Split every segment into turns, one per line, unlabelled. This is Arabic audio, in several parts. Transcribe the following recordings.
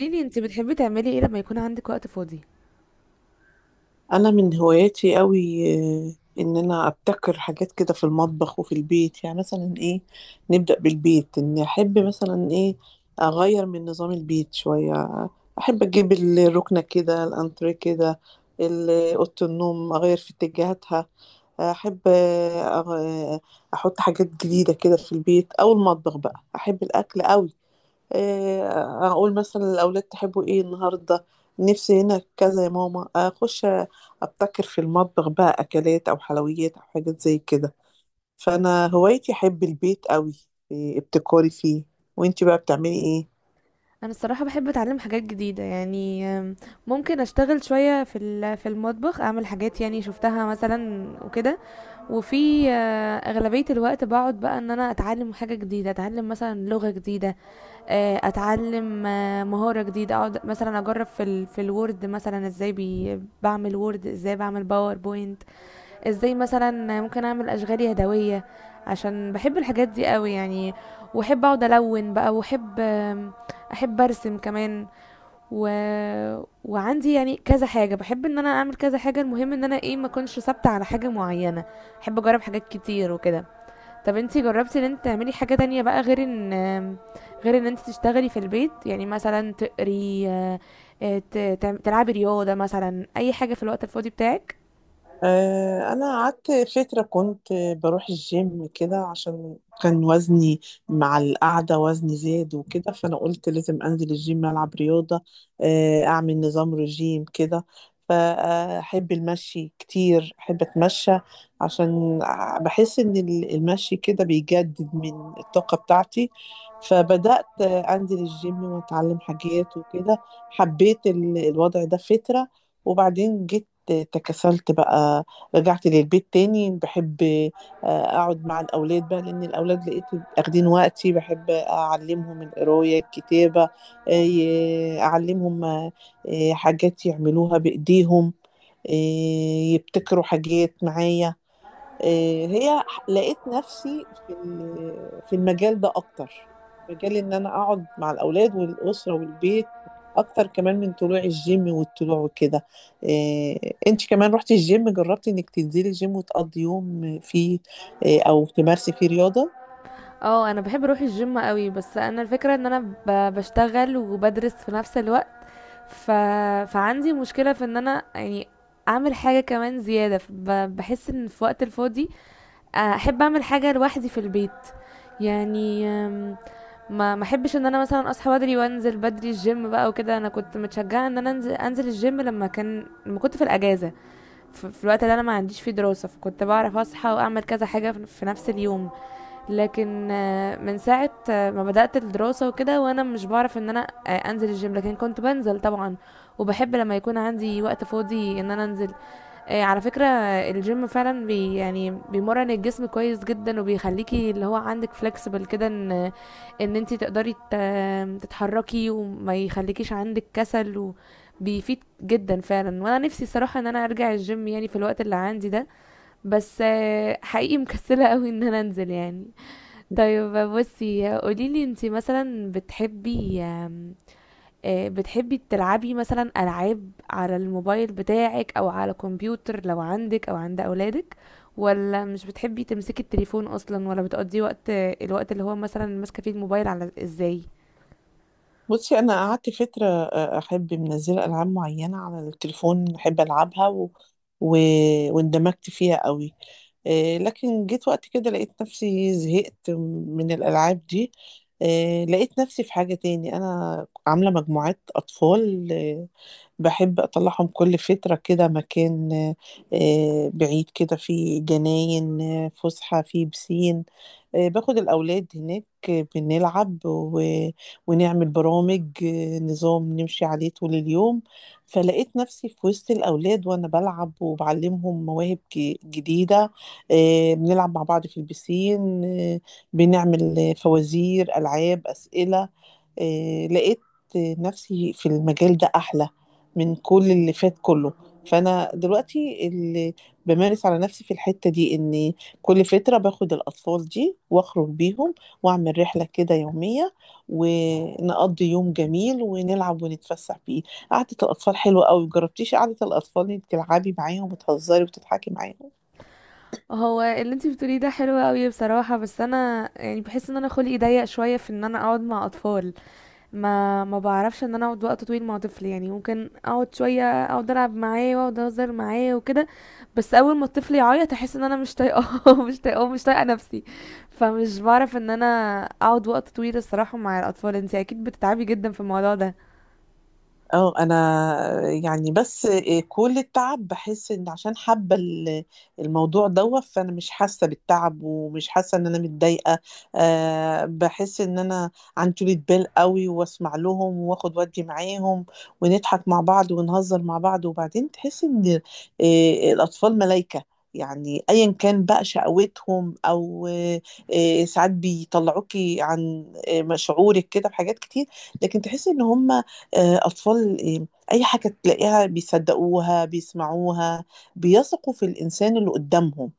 قولي لي انت بتحبي تعملي ايه لما يكون عندك وقت فاضي؟
انا من هواياتي قوي. آه، ان انا ابتكر حاجات كده في المطبخ وفي البيت، يعني مثلا ايه؟ نبدأ بالبيت. ان احب مثلا ايه؟ اغير من نظام البيت شوية، احب اجيب الركنة كده، الانتريه كده، اوضة النوم اغير في اتجاهاتها. احب احط حاجات جديدة كده في البيت او المطبخ. بقى احب الاكل قوي. اقول مثلا الاولاد تحبوا ايه النهارده؟ نفسي هنا كذا يا ماما، اخش ابتكر في المطبخ بقى اكلات او حلويات او حاجات زي كده. فانا هوايتي احب البيت قوي. ابتكاري فيه. وانتي بقى بتعملي ايه؟
انا الصراحه بحب اتعلم حاجات جديده، يعني ممكن اشتغل شويه في في المطبخ، اعمل حاجات يعني شفتها مثلا وكده. وفي اغلبيه الوقت بقعد بقى ان انا اتعلم حاجه جديده، اتعلم مثلا لغه جديده. اتعلم مهاره جديده، اقعد مثلا اجرب في في الوورد، مثلا ازاي بعمل وورد، ازاي بعمل باوربوينت، ازاي مثلا ممكن اعمل اشغال يدويه، عشان بحب الحاجات دي قوي يعني. واحب اقعد الون بقى، واحب احب ارسم كمان و... وعندي يعني كذا حاجه، بحب ان انا اعمل كذا حاجه. المهم ان انا ايه، ما اكونش ثابته على حاجه معينه، احب اجرب حاجات كتير وكده. طب انتي جربتي ان انت تعملي حاجه تانية بقى، غير ان انت تشتغلي في البيت؟ يعني مثلا تقري تلعبي رياضه، مثلا اي حاجه في الوقت الفاضي بتاعك؟
انا قعدت فتره كنت بروح الجيم كده، عشان كان وزني مع القعده وزني زاد وكده. فانا قلت لازم انزل الجيم، العب رياضه، اعمل نظام رجيم كده. فاحب المشي كتير، احب اتمشى عشان بحس ان المشي كده بيجدد من الطاقه بتاعتي. فبدات انزل الجيم واتعلم حاجات وكده. حبيت الوضع ده فتره، وبعدين جيت تكسلت بقى، رجعت للبيت تاني. بحب اقعد مع الاولاد بقى، لان الاولاد لقيت اخدين وقتي. بحب اعلمهم القرايه، الكتابه، اعلمهم حاجات يعملوها بايديهم، يبتكروا حاجات معايا. لقيت نفسي في المجال ده اكتر. مجال ان انا اقعد مع الاولاد والاسره والبيت، اكتر كمان من طلوع الجيم والطلوع وكده. إيه انت كمان رحتي الجيم، جربتي انك تنزلي الجيم وتقضي يوم فيه إيه، او تمارسي فيه رياضه؟
اه انا بحب اروح الجيم قوي، بس انا الفكره ان انا بشتغل وبدرس في نفس الوقت. ف... فعندي مشكله في ان انا يعني اعمل حاجه كمان زياده. بحس ان في وقت الفاضي احب اعمل حاجه لوحدي في البيت، يعني ما احبش ان انا مثلا اصحى بدري وانزل بدري الجيم بقى وكده. انا كنت متشجعه ان انا انزل الجيم لما كان كنت في الاجازه، في الوقت اللي انا ما عنديش فيه دراسه، فكنت بعرف اصحى واعمل كذا حاجه في نفس اليوم. لكن من ساعة ما بدأت الدراسة وكده، وأنا مش بعرف إن أنا أنزل الجيم، لكن كنت بنزل طبعا. وبحب لما يكون عندي وقت فاضي إن أنا أنزل. على فكرة الجيم فعلا يعني بيمرن الجسم كويس جدا، وبيخليكي اللي هو عندك فلكسبل كده، إن أنتي تقدري تتحركي، وما يخليكيش عندك كسل، وبيفيد جدا فعلا. وأنا نفسي الصراحة إن أنا أرجع الجيم يعني في الوقت اللي عندي ده، بس حقيقي مكسلة قوي إن أنا أنزل يعني. طيب، بصي قوليلي انتي مثلا بتحبي بتحبي تلعبي مثلا ألعاب على الموبايل بتاعك، أو على كمبيوتر لو عندك أو عند أولادك؟ ولا مش بتحبي تمسكي التليفون أصلا؟ ولا بتقضي وقت، الوقت اللي هو مثلا ماسكة فيه الموبايل على ازاي؟
بصي، انا قعدت فتره احب منزله العاب معينه على التليفون، احب العبها و... واندمجت فيها قوي. لكن جيت وقت كده لقيت نفسي زهقت من الالعاب دي. لقيت نفسي في حاجه تاني. انا عامله مجموعات اطفال، باحب أطلّعهم كل فترة كده مكان بعيد كده، فيه جناين، فُسحة، فيه بيسين. باخد الأولاد هناك، بنلعب ونعمل برامج، نظام نمشي عليه طول اليوم. فلقيت نفسي في وسط الأولاد وأنا بالعب وباعلّمهم مواهب جديدة، بنلعب مع بعض في البيسين، بنعمل فوازير، ألعاب، أسئلة. لقيت نفسي في المجال ده أحلى من كل اللي فات كله. فأنا دلوقتي اللي بمارس على نفسي في الحتة دي إن كل فترة باخد الأطفال دي وأخرج بيهم وأعمل رحلة كده يومية، ونقضي يوم جميل ونلعب ونتفسح بيه. قعدة الأطفال حلوة أوي. مجربتيش قعدة الأطفال إنك تلعبي معاهم وتهزري وتضحكي معاهم؟
هو اللي انتي بتقوليه ده حلو قوي بصراحة، بس انا يعني بحس ان انا خلقي ضيق شوية في ان انا اقعد مع اطفال. ما بعرفش ان انا اقعد وقت طويل مع طفل، يعني ممكن اقعد شويه اقعد العب معاه واقعد اهزر معاه وكده، بس اول ما الطفل يعيط احس ان انا مش طايقاه مش طايقاه، مش طايقه نفسي. فمش بعرف ان انا اقعد وقت طويل الصراحه مع الاطفال. انتي اكيد بتتعبي جدا في الموضوع ده.
اه، انا يعني بس كل التعب بحس ان عشان حابه الموضوع دوت، فانا مش حاسه بالتعب ومش حاسه ان انا متضايقه. أه بحس ان انا عن طولة بال قوي، واسمع لهم واخد ودي معاهم، ونضحك مع بعض ونهزر مع بعض. وبعدين تحس ان الاطفال ملايكه، يعني ايا كان بقى شقوتهم، او ساعات بيطلعوكي عن شعورك كده بحاجات كتير، لكن تحس ان هم أطفال. أي حاجة تلاقيها بيصدّقوها، بيسمعوها، بيثقوا في الإنسان اللي قدّامهم.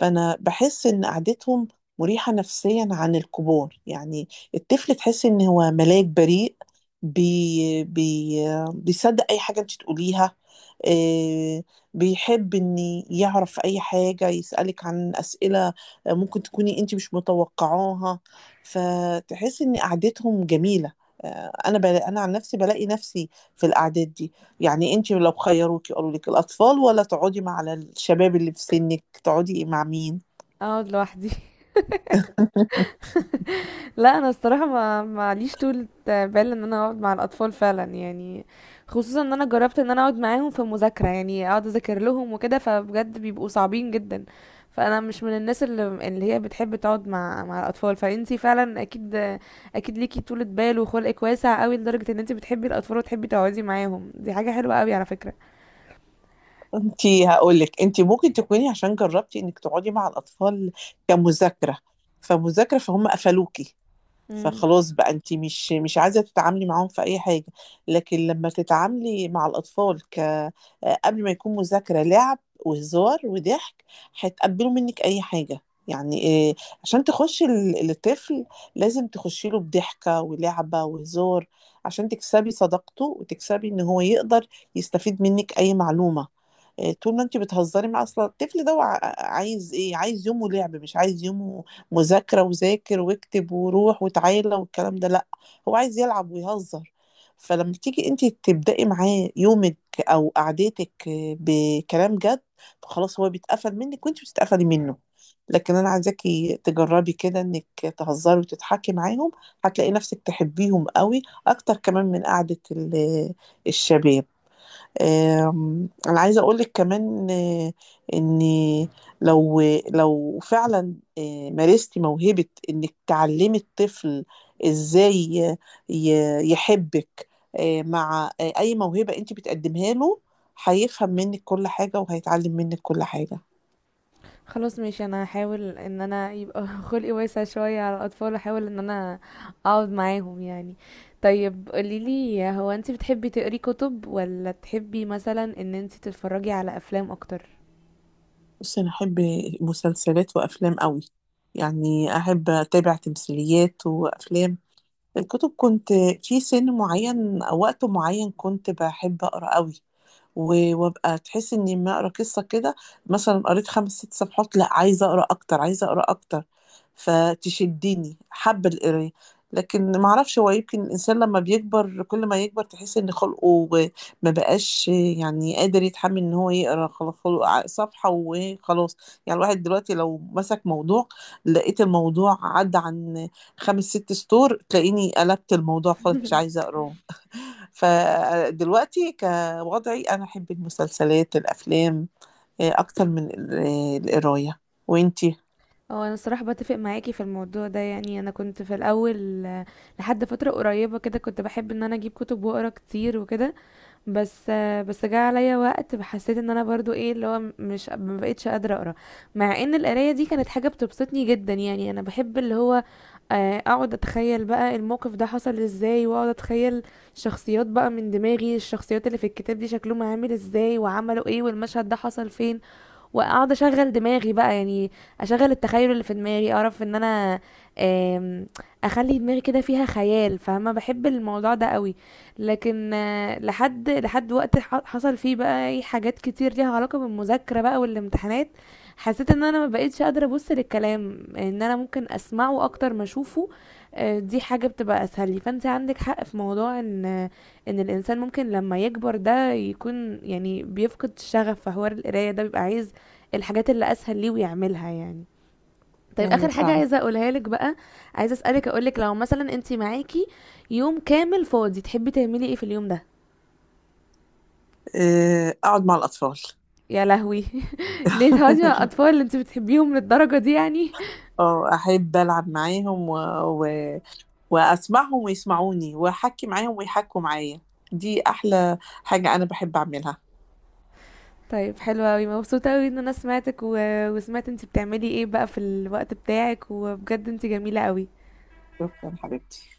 فأنا باحس إن قعدتهم مريحة نفسيًا عن الكبار. يعني الطفل تحس إن هو ملاك بريء، بي بي بيصدق أي حاجة أنتِ تقوليها. آآ بيحب إن يعرف أي حاجة، يسألِك عن أسئلة ممكن تكوني أنتِ مش متوقعاها. فتحسي إن قعدتهم جميلة. أنا عن نفسي بالاقي نفسي في القعدات دي. يعني أنتِ لو خيّروكِ قالوا لِك الأطفال والّا تقعدي مع الشباب اللي في سِنِّك، تقعدي مع مين؟
اقعد لوحدي. لا انا الصراحه ما معليش طول بال ان انا اقعد مع الاطفال فعلا يعني، خصوصا ان انا جربت ان انا اقعد معاهم في مذاكره، يعني اقعد اذاكر لهم وكده، فبجد بيبقوا صعبين جدا. فانا مش من الناس اللي اللي هي بتحب تقعد مع الاطفال. فانتي فعلا اكيد ليكي طولة بال وخلقك واسع قوي، لدرجه ان انتي بتحبي الاطفال وتحبي تقعدي معاهم. دي حاجه حلوه قوي على فكره.
أنتِ هاقول لِك، أنتِ ممكن تكوني عشان جرّبتِ إنِّك تقعدي مع الأطفال كمذاكرة، فمذاكرة فهُم قفلوكِ. فخلاص بقى أنتِ مش عايزة تتعاملي معاهم في أي حاجة. لكن لمّا تتعاملي مع الأطفال ك قبل ما يكون مذاكرة، لعب وهزار وضحك، هيتقبّلوا منِّك أي حاجة. يعني عشان تخُشّي الطفل لازم تخُشّي له بضحكة ولعبة وهزار، عشان تكسبي صداقته وتكسبي إن هو يقدر يستفيد منِّك أي معلومة. طول ما أنتِ بتهزّري معاه. أصل الطفل ده هو عايز إيه؟ عايز يومه لعب، مش عايز يومه مذاكرة وذاكر واكتب وروح وتعالى والكلام ده. لأ، هو عايز يلعب ويهزر. فلما تيجي انت تبدأي معاه يومك أو قعدتك بكلام جد، فخلاص هو بيتقفل منك وانت بتتقفلي منه. لكن انا عايزاكي تجربي كده انك تهزري وتضحكي معاهم، هتلاقي نفسك تحبيهم قوي اكتر كمان من قعدة الشباب. انا عايزه اقولك كمان، ان لو لو فعلا مارستي موهبه انك تعلمي الطفل ازاي يحبك، مع اي موهبه انت بتقدمها له، هيفهم منك كل حاجه وهيتعلم منك كل حاجه.
خلاص ماشي، انا هحاول ان انا يبقى خلقي واسع شوية على الاطفال، احاول ان انا اقعد معاهم يعني. طيب قوليلي، هو انت بتحبي تقري كتب، ولا تحبي مثلا ان انت تتفرجي على افلام اكتر؟
بصي، انا احب مسلسلات وافلام قوي، يعني احب اتابع تمثيليات وافلام. الكتب كنت في سن معين او وقت معين كنت بحب اقرا قوي. وابقى تحس اني لما اقرا قصه كده، مثلا قريت خمس ست صفحات، لا عايزه اقرا اكتر، عايزه اقرا اكتر. فتشدني، حابه القرايه. لكن ما اعرفش، هو يمكن الانسان لما بيكبر كل ما يكبر تحس ان خلقه ما بقاش يعني قادر يتحمل ان هو يقرا. خلاص خلق صفحه وخلاص. يعني الواحد دلوقتي لو مسك موضوع، لقيت الموضوع عدى عن خمس ست سطور، تلاقيني قلبت الموضوع خلاص، مش عايزه اقراه. فدلوقتي كوضعي أنا أحب المسلسلات، الأفلام، أكتر من القراية. وإنتي؟
هو انا الصراحة بتفق معاكي في الموضوع ده، يعني انا كنت في الاول لحد فترة قريبة كده كنت بحب ان انا اجيب كتب واقرا كتير وكده. بس بس جه عليا وقت حسيت ان انا برضو ايه اللي هو مش، ما بقتش قادره اقرا، مع ان القرايه دي كانت حاجه بتبسطني جدا. يعني انا بحب اللي هو اقعد اتخيل بقى الموقف ده حصل ازاي، واقعد اتخيل شخصيات بقى من دماغي، الشخصيات اللي في الكتاب دي شكلهم عامل ازاي، وعملوا ايه، والمشهد ده حصل فين، واقعد اشغل دماغي بقى يعني، اشغل التخيل اللي في دماغي، اعرف ان انا آم، اخلي دماغي كده فيها خيال، فاهمه؟ بحب الموضوع ده قوي. لكن لحد وقت حصل فيه بقى اي حاجات كتير ليها علاقه بالمذاكره بقى والامتحانات، حسيت ان انا ما بقتش قادره ابص للكلام، ان انا ممكن اسمعه اكتر ما اشوفه. دي حاجه بتبقى اسهل لي. فانت عندك حق في موضوع ان الانسان ممكن لما يكبر ده يكون يعني بيفقد الشغف في حوار القرايه ده، بيبقى عايز الحاجات اللي اسهل ليه ويعملها يعني. طيب
ايوه
اخر حاجه
فعلا.
عايزه اقولها لك بقى، عايزه اسالك اقولك لو مثلا انت معاكي يوم كامل فاضي، تحبي تعملي ايه في اليوم ده؟
أقعد مع الأطفال.
يا لهوي! ليه تقعدي مع الاطفال اللي انت بتحبيهم للدرجه دي يعني؟
اه، احب العب معاهم و... واسمعهم ويسمعوني، واحكي معاهم ويحكوا معايا. دي احلى حاجة انا بحب اعملها.
طيب، حلوه قوي، مبسوطه قوي ان انا سمعتك و... وسمعت انت بتعملي ايه بقى في الوقت بتاعك، وبجد انت جميله قوي.
شكرا حبيبتي.